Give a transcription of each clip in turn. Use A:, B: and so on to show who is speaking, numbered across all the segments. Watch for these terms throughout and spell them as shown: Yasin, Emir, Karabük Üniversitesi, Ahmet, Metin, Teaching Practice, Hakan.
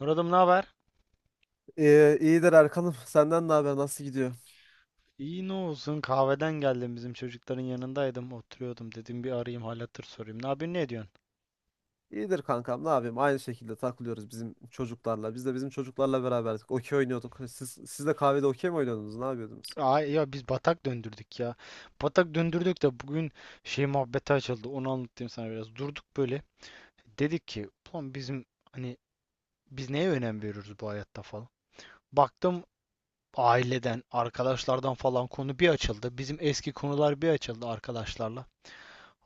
A: Murat'ım ne haber?
B: İyidir Erkan'ım. Senden ne haber? Nasıl gidiyor?
A: İyi ne olsun, kahveden geldim, bizim çocukların yanındaydım, oturuyordum, dedim bir arayayım, hal hatır sorayım. Ne yapıyorsun, ne ediyorsun?
B: İyidir kankam. Ne yapayım? Aynı şekilde takılıyoruz bizim çocuklarla. Biz de bizim çocuklarla beraberdik. Okey oynuyorduk. Siz de kahvede okey mi oynuyordunuz? Ne yapıyordunuz?
A: Aa ya biz batak döndürdük ya. Batak döndürdük de bugün şey muhabbeti açıldı, onu anlatayım sana biraz. Durduk böyle, dedik ki ulan bizim hani biz neye önem veriyoruz bu hayatta falan. Baktım, aileden arkadaşlardan falan konu bir açıldı. Bizim eski konular bir açıldı arkadaşlarla.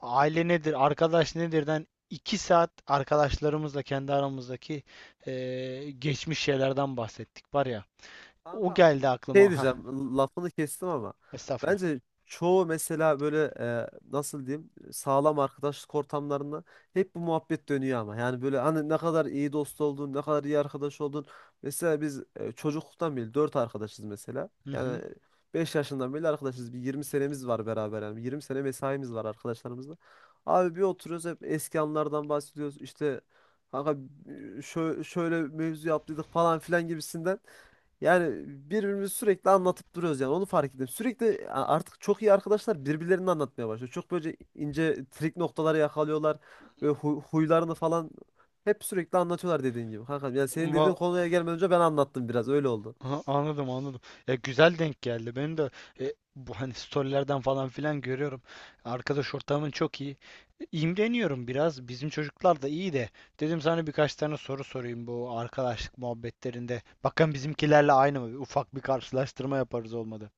A: Aile nedir, arkadaş nedirden iki saat arkadaşlarımızla kendi aramızdaki geçmiş şeylerden bahsettik var ya. O
B: Kankam
A: geldi
B: şey
A: aklıma. Ha,
B: diyeceğim, lafını kestim ama
A: estağfurullah.
B: bence çoğu mesela böyle nasıl diyeyim, sağlam arkadaşlık ortamlarında hep bu muhabbet dönüyor ama yani böyle hani ne kadar iyi dost oldun, ne kadar iyi arkadaş oldun. Mesela biz çocukluktan beri dört arkadaşız mesela.
A: Hı
B: Yani
A: hı.
B: 5 yaşından beri arkadaşız, bir 20 senemiz var beraber, yani 20 sene mesaimiz var arkadaşlarımızla. Abi bir oturuyoruz hep eski anlardan bahsediyoruz işte kanka, şöyle mevzu yaptıydık falan filan gibisinden. Yani birbirimizi sürekli anlatıp duruyoruz, yani onu fark ettim. Sürekli artık çok iyi arkadaşlar birbirlerini anlatmaya başlıyor. Çok böyle ince trik noktaları yakalıyorlar ve huylarını falan hep sürekli anlatıyorlar dediğin gibi. Kankam yani senin dediğin
A: Va-
B: konuya gelmeden önce ben anlattım, biraz öyle oldu.
A: ha, anladım. Ya güzel denk geldi. Benim de bu hani storylerden falan filan görüyorum. Arkadaş ortamın çok iyi. İmreniyorum biraz. Bizim çocuklar da iyi de. Dedim sana birkaç tane soru sorayım bu arkadaşlık muhabbetlerinde. Bakın bizimkilerle aynı mı? Ufak bir karşılaştırma yaparız, olmadı.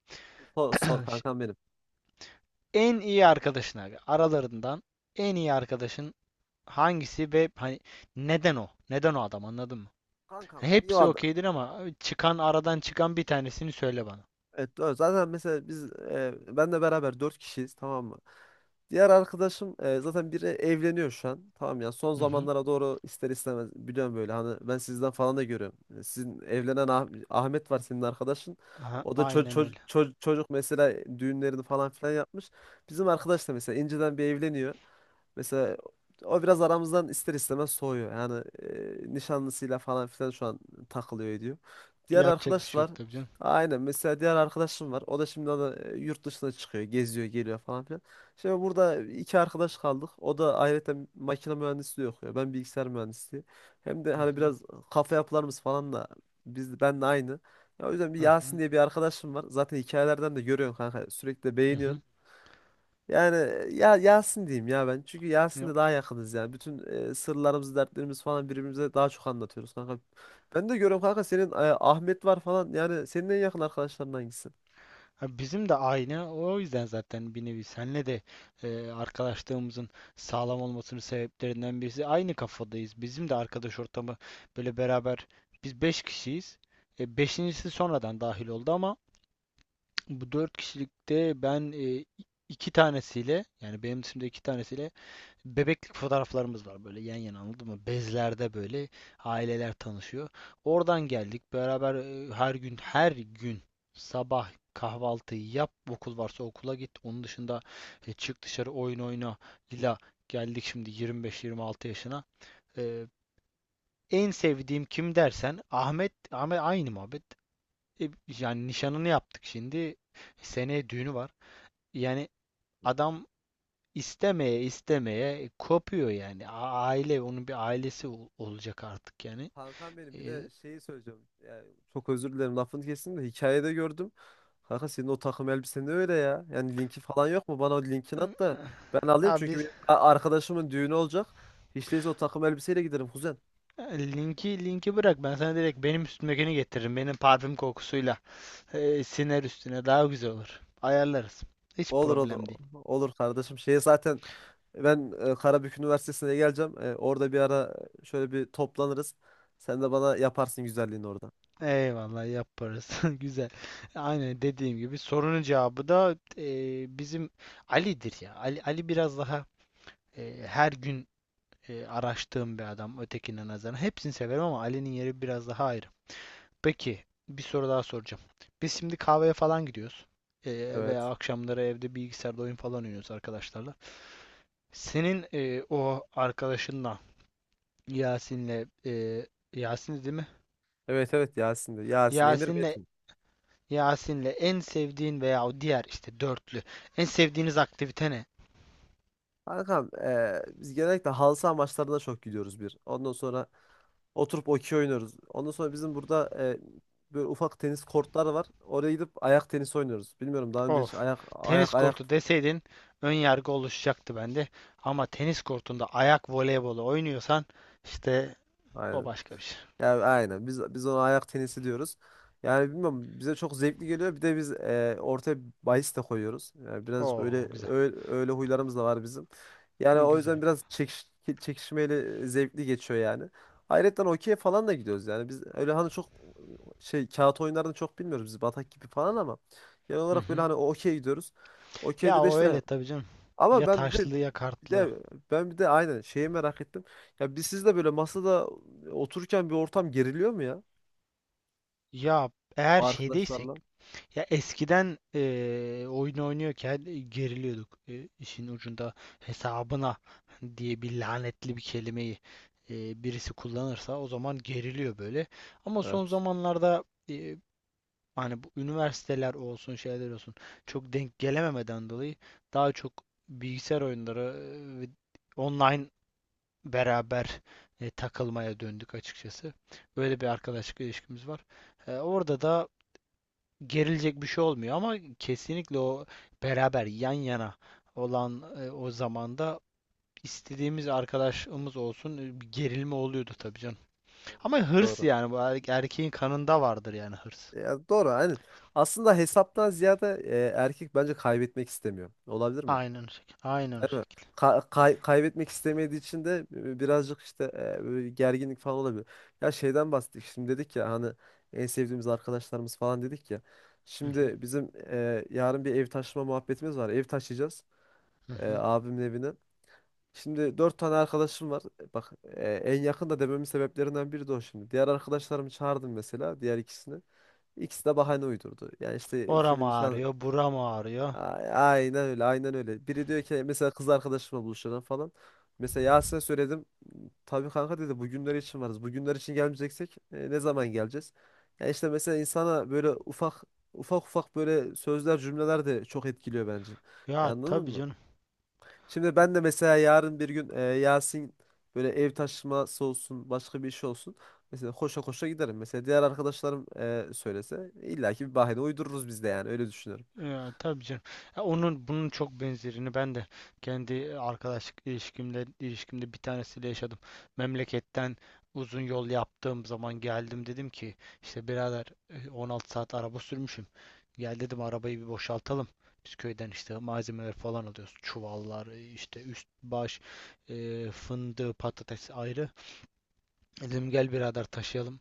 B: Sor, sor kankam benim.
A: En iyi arkadaşın aralarından en iyi arkadaşın hangisi ve hani neden o? Neden o adam, anladın mı?
B: Kankam,
A: Hani
B: niye o
A: hepsi
B: adam?
A: okeydir ama çıkan, aradan çıkan bir tanesini söyle bana.
B: Evet, doğru. Zaten mesela biz benle beraber dört kişiyiz, tamam mı? Diğer arkadaşım zaten biri evleniyor şu an. Tamam ya, son
A: Hı hı.
B: zamanlara doğru ister istemez, biliyorum böyle hani ben sizden falan da görüyorum. Sizin evlenen Ahmet var, senin arkadaşın.
A: Aha,
B: O da
A: aynen öyle.
B: çocuk mesela, düğünlerini falan filan yapmış. Bizim arkadaş da mesela inceden bir evleniyor. Mesela o biraz aramızdan ister istemez soğuyor. Yani nişanlısıyla falan filan şu an takılıyor ediyor. Diğer
A: Yapacak bir
B: arkadaş
A: şey
B: var.
A: yok tabii canım.
B: Aynen, mesela diğer arkadaşım var. O da şimdi da yurt dışına çıkıyor, geziyor, geliyor falan filan. Şimdi burada iki arkadaş kaldık. O da ayrıca makine mühendisliği okuyor, ben bilgisayar mühendisliği. Hem de
A: Hı
B: hani
A: hı.
B: biraz kafa yapılarımız falan da ben de aynı. Ya, o yüzden bir
A: Hı
B: Yasin
A: hı.
B: diye bir arkadaşım var. Zaten hikayelerden de görüyorsun kanka, sürekli de
A: Hı
B: beğeniyorsun.
A: hı.
B: Yani ya Yasin diyeyim ya ben, çünkü Yasin'le daha yakınız yani. Bütün sırlarımızı, dertlerimiz falan birbirimize daha çok anlatıyoruz kanka. Ben de görüyorum kanka senin Ahmet var falan. Yani senin en yakın arkadaşların hangisi?
A: Ha, bizim de aynı. O yüzden zaten bir nevi senle de arkadaşlığımızın sağlam olmasının sebeplerinden birisi aynı kafadayız. Bizim de arkadaş ortamı böyle beraber, biz 5 kişiyiz. Beşincisi sonradan dahil oldu ama bu 4 kişilikte ben iki tanesiyle, yani benim dışımda iki tanesiyle bebeklik fotoğraflarımız var böyle yan yana, anladın mı? Bezlerde böyle aileler tanışıyor. Oradan geldik. Beraber her gün her gün sabah kahvaltıyı yap. Okul varsa okula git. Onun dışında çık dışarı oyun oyna. İla geldik şimdi 25-26 yaşına. E, En sevdiğim kim dersen Ahmet, aynı muhabbet. E, Yani nişanını yaptık şimdi. Seneye düğünü var. Yani adam istemeye istemeye kopuyor yani. Aile, onun bir ailesi olacak artık yani.
B: Kankam benim, bir
A: Ee,
B: de şeyi söyleyeceğim. Yani çok özür dilerim lafını kestim de, hikayede gördüm. Kanka senin o takım elbisen de öyle ya. Yani linki falan yok mu? Bana o linkini at da ben alayım,
A: Abi
B: çünkü benim arkadaşımın düğünü olacak. Hiç değilse o takım elbiseyle giderim kuzen.
A: linki, bırak, ben sana direkt benim üstümdekini getiririm. Benim parfüm kokusuyla siner üstüne, daha güzel olur. Ayarlarız. Hiç
B: Olur olur.
A: problem değil.
B: Olur kardeşim. Şeye zaten ben Karabük Üniversitesi'ne geleceğim. Orada bir ara şöyle bir toplanırız. Sen de bana yaparsın güzelliğini orada.
A: Eyvallah, yaparız. Güzel. Aynen dediğim gibi sorunun cevabı da bizim Ali'dir ya. Ali, biraz daha her gün araştığım bir adam ötekine nazaran. Hepsini severim ama Ali'nin yeri biraz daha ayrı. Peki, bir soru daha soracağım. Biz şimdi kahveye falan gidiyoruz. Veya
B: Evet.
A: akşamları evde bilgisayarda oyun falan oynuyoruz arkadaşlarla. Senin o arkadaşınla, Yasin'le, Yasin değil mi?
B: Evet, evet, Yasin'de. Yasin, Emir,
A: Yasin'le
B: Metin.
A: Yasin'le en sevdiğin veya o diğer işte dörtlü en sevdiğiniz aktivite ne?
B: Kankam biz genellikle halı saha maçlarına çok gidiyoruz bir. Ondan sonra oturup okey oynuyoruz. Ondan sonra bizim burada böyle ufak tenis kortları var, oraya gidip ayak tenisi oynuyoruz. Bilmiyorum daha önce hiç
A: Of.
B: ayak
A: Tenis
B: ayak ayak.
A: kortu deseydin ön yargı oluşacaktı bende. Ama tenis kortunda ayak voleybolu oynuyorsan işte o
B: Aynen.
A: başka bir şey.
B: Yani aynen. Biz ona ayak tenisi diyoruz. Yani bilmiyorum, bize çok zevkli geliyor. Bir de biz ortaya bahis de koyuyoruz. Yani birazcık öyle
A: Oo, güzel.
B: öyle, öyle huylarımız da var bizim. Yani
A: Güzel,
B: o yüzden biraz
A: güzel.
B: çekişmeyle zevkli geçiyor yani. Ayrıca okey falan da gidiyoruz yani. Biz öyle hani çok şey, kağıt oyunlarını çok bilmiyoruz biz, batak gibi falan, ama genel
A: Hı
B: olarak böyle
A: hı.
B: hani okey gidiyoruz. Okey'de
A: Ya
B: de
A: o
B: işte
A: öyle tabii canım.
B: ama
A: Ya taşlı ya kartlı.
B: de ben bir de aynen şeyi merak ettim. Ya siz de böyle masada otururken bir ortam geriliyor mu ya
A: Ya, eğer şeydeysek
B: arkadaşlarla?
A: ya eskiden oyun oynuyorken geriliyorduk. İşin ucunda hesabına diye bir lanetli bir kelimeyi birisi kullanırsa o zaman geriliyor böyle. Ama son
B: Evet.
A: zamanlarda, hani bu üniversiteler olsun şeyler olsun çok denk gelememeden dolayı daha çok bilgisayar oyunları, ve online beraber takılmaya döndük açıkçası. Böyle bir arkadaşlık ilişkimiz var. Orada da gerilecek bir şey olmuyor ama kesinlikle o beraber yan yana olan o zamanda istediğimiz arkadaşımız olsun, bir gerilme oluyordu tabii canım.
B: Evet,
A: Ama
B: evet.
A: hırs,
B: Doğru.
A: yani bu erkeğin kanında vardır yani, hırs.
B: Ya doğru, aynen. Aslında hesaptan ziyade erkek bence kaybetmek istemiyor. Olabilir mi?
A: Aynen o şekilde. Aynen o
B: Değil mi?
A: şekilde.
B: Kaybetmek istemediği için de birazcık işte böyle gerginlik falan olabilir. Ya şeyden bahsettik. Şimdi dedik ya hani en sevdiğimiz arkadaşlarımız falan dedik ya.
A: Hı hı.
B: Şimdi bizim yarın bir ev taşıma muhabbetimiz var. Ev taşıyacağız,
A: Hı hı.
B: abimin evine. Şimdi dört tane arkadaşım var. Bak, en yakın da dememin sebeplerinden biri de o şimdi. Diğer arkadaşlarımı çağırdım mesela, diğer ikisini. İkisi de bahane uydurdu. Yani işte
A: Oram
B: kimin nişan...
A: ağrıyor, buram ağrıyor.
B: A- Aynen öyle, aynen öyle. Biri diyor ki mesela kız arkadaşımla buluşalım falan. Mesela Yasin'e söyledim. Tabii kanka, dedi, bugünler için varız. Bugünler için gelmeyeceksek ne zaman geleceğiz? Ya işte mesela insana böyle ufak ufak ufak böyle sözler, cümleler de çok etkiliyor bence. Ya
A: Ya
B: anladın
A: tabii
B: mı?
A: canım.
B: Şimdi ben de mesela yarın bir gün Yasin böyle ev taşıması olsun, başka bir iş olsun, mesela koşa koşa giderim. Mesela diğer arkadaşlarım söylese illaki bir bahane uydururuz biz de, yani öyle düşünüyorum.
A: Ya, tabii canım. Ya, onun bunun çok benzerini ben de kendi arkadaşlık ilişkimde bir tanesiyle yaşadım. Memleketten uzun yol yaptığım zaman geldim, dedim ki işte birader, 16 saat araba sürmüşüm. Gel dedim, arabayı bir boşaltalım. Biz köyden işte malzemeler falan alıyoruz. Çuvallar, işte üst baş, fındığı, patates ayrı. Dedim gel birader taşıyalım.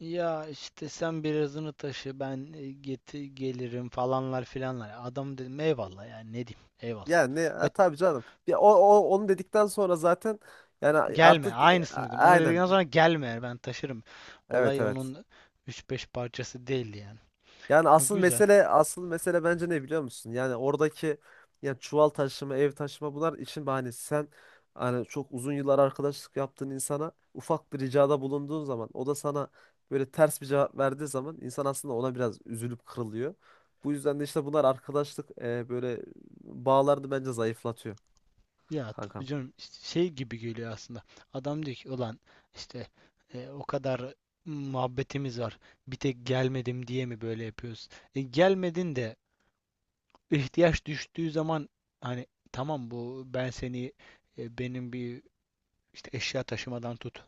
A: Ya işte sen birazını taşı, ben geti gelirim falanlar filanlar. Adam dedim eyvallah, yani ne diyeyim, eyvallah.
B: Yani ne, ha,
A: Ve
B: tabii canım. Ya o, o onu dedikten sonra zaten yani
A: gelme,
B: artık
A: aynısını dedim. Onu
B: aynen.
A: dedikten sonra gelme, yani ben taşırım.
B: Evet,
A: Olay
B: evet.
A: onun üç beş parçası değildi yani.
B: Yani
A: O
B: asıl
A: güzel.
B: mesele, asıl mesele bence ne biliyor musun? Yani oradaki, yani çuval taşıma, ev taşıma, bunlar işin bahanesi. Sen hani çok uzun yıllar arkadaşlık yaptığın insana ufak bir ricada bulunduğun zaman, o da sana böyle ters bir cevap verdiği zaman, insan aslında ona biraz üzülüp kırılıyor. Bu yüzden de işte bunlar arkadaşlık böyle bağlarını bence zayıflatıyor
A: Ya tabii
B: kankam.
A: canım, işte şey gibi geliyor aslında. Adam diyor ki ulan işte o kadar muhabbetimiz var. Bir tek gelmedim diye mi böyle yapıyoruz? Gelmedin de ihtiyaç düştüğü zaman, hani tamam, bu ben seni benim bir işte eşya taşımadan tut,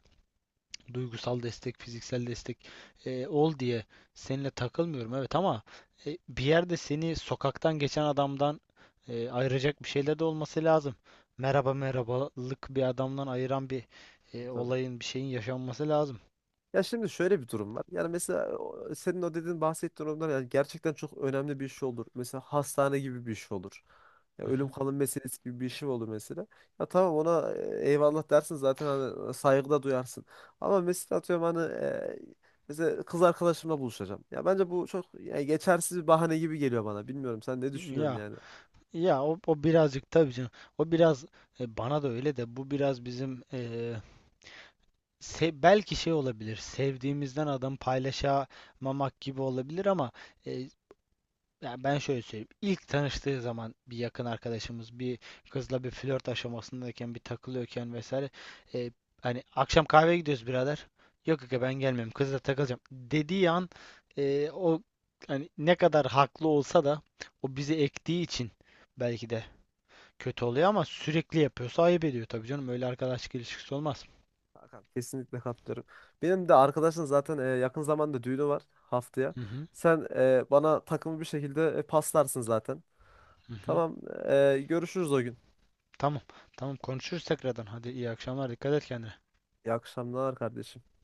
A: duygusal destek, fiziksel destek ol diye seninle takılmıyorum evet, ama bir yerde seni sokaktan geçen adamdan ayıracak bir şeyler de olması lazım.
B: Tabii
A: Merhaba
B: ki.
A: merhabalık bir adamdan ayıran bir
B: Tabii, tabii.
A: olayın, bir şeyin yaşanması lazım.
B: Ya şimdi şöyle bir durum var. Yani mesela senin o dediğin, bahsettiğin durumlar, yani gerçekten çok önemli bir iş olur. Mesela hastane gibi bir iş olur. Ya
A: Hı
B: ölüm
A: hı.
B: kalım meselesi gibi bir şey olur mesela. Ya tamam, ona eyvallah dersin zaten, hani saygı duyarsın. Ama mesela atıyorum hani mesela kız arkadaşımla buluşacağım. Ya bence bu çok yani geçersiz bir bahane gibi geliyor bana. Bilmiyorum sen ne düşünüyorsun
A: Ya,
B: yani?
A: o, birazcık tabii canım. O biraz bana da öyle de, bu biraz bizim Se belki şey olabilir. Sevdiğimizden adam paylaşamamak gibi olabilir ama, e, ya ben şöyle söyleyeyim. İlk tanıştığı zaman bir yakın arkadaşımız bir kızla bir flört aşamasındayken bir takılıyorken vesaire, e, hani akşam kahveye gidiyoruz birader. Yok aga, ben gelmiyorum. Kızla takılacağım dediği an o hani ne kadar haklı olsa da o bizi ektiği için belki de kötü oluyor ama sürekli yapıyorsa ayıp ediyor tabii canım. Öyle arkadaşlık ilişkisi olmaz.
B: Hakan, kesinlikle katılıyorum. Benim de arkadaşın zaten yakın zamanda düğünü var, haftaya.
A: Hı hı.
B: Sen bana takımı bir şekilde paslarsın zaten.
A: Hı hı.
B: Tamam, görüşürüz o gün.
A: Tamam. Tamam, konuşuruz tekrardan. Hadi, iyi akşamlar. Dikkat et kendine.
B: İyi akşamlar kardeşim.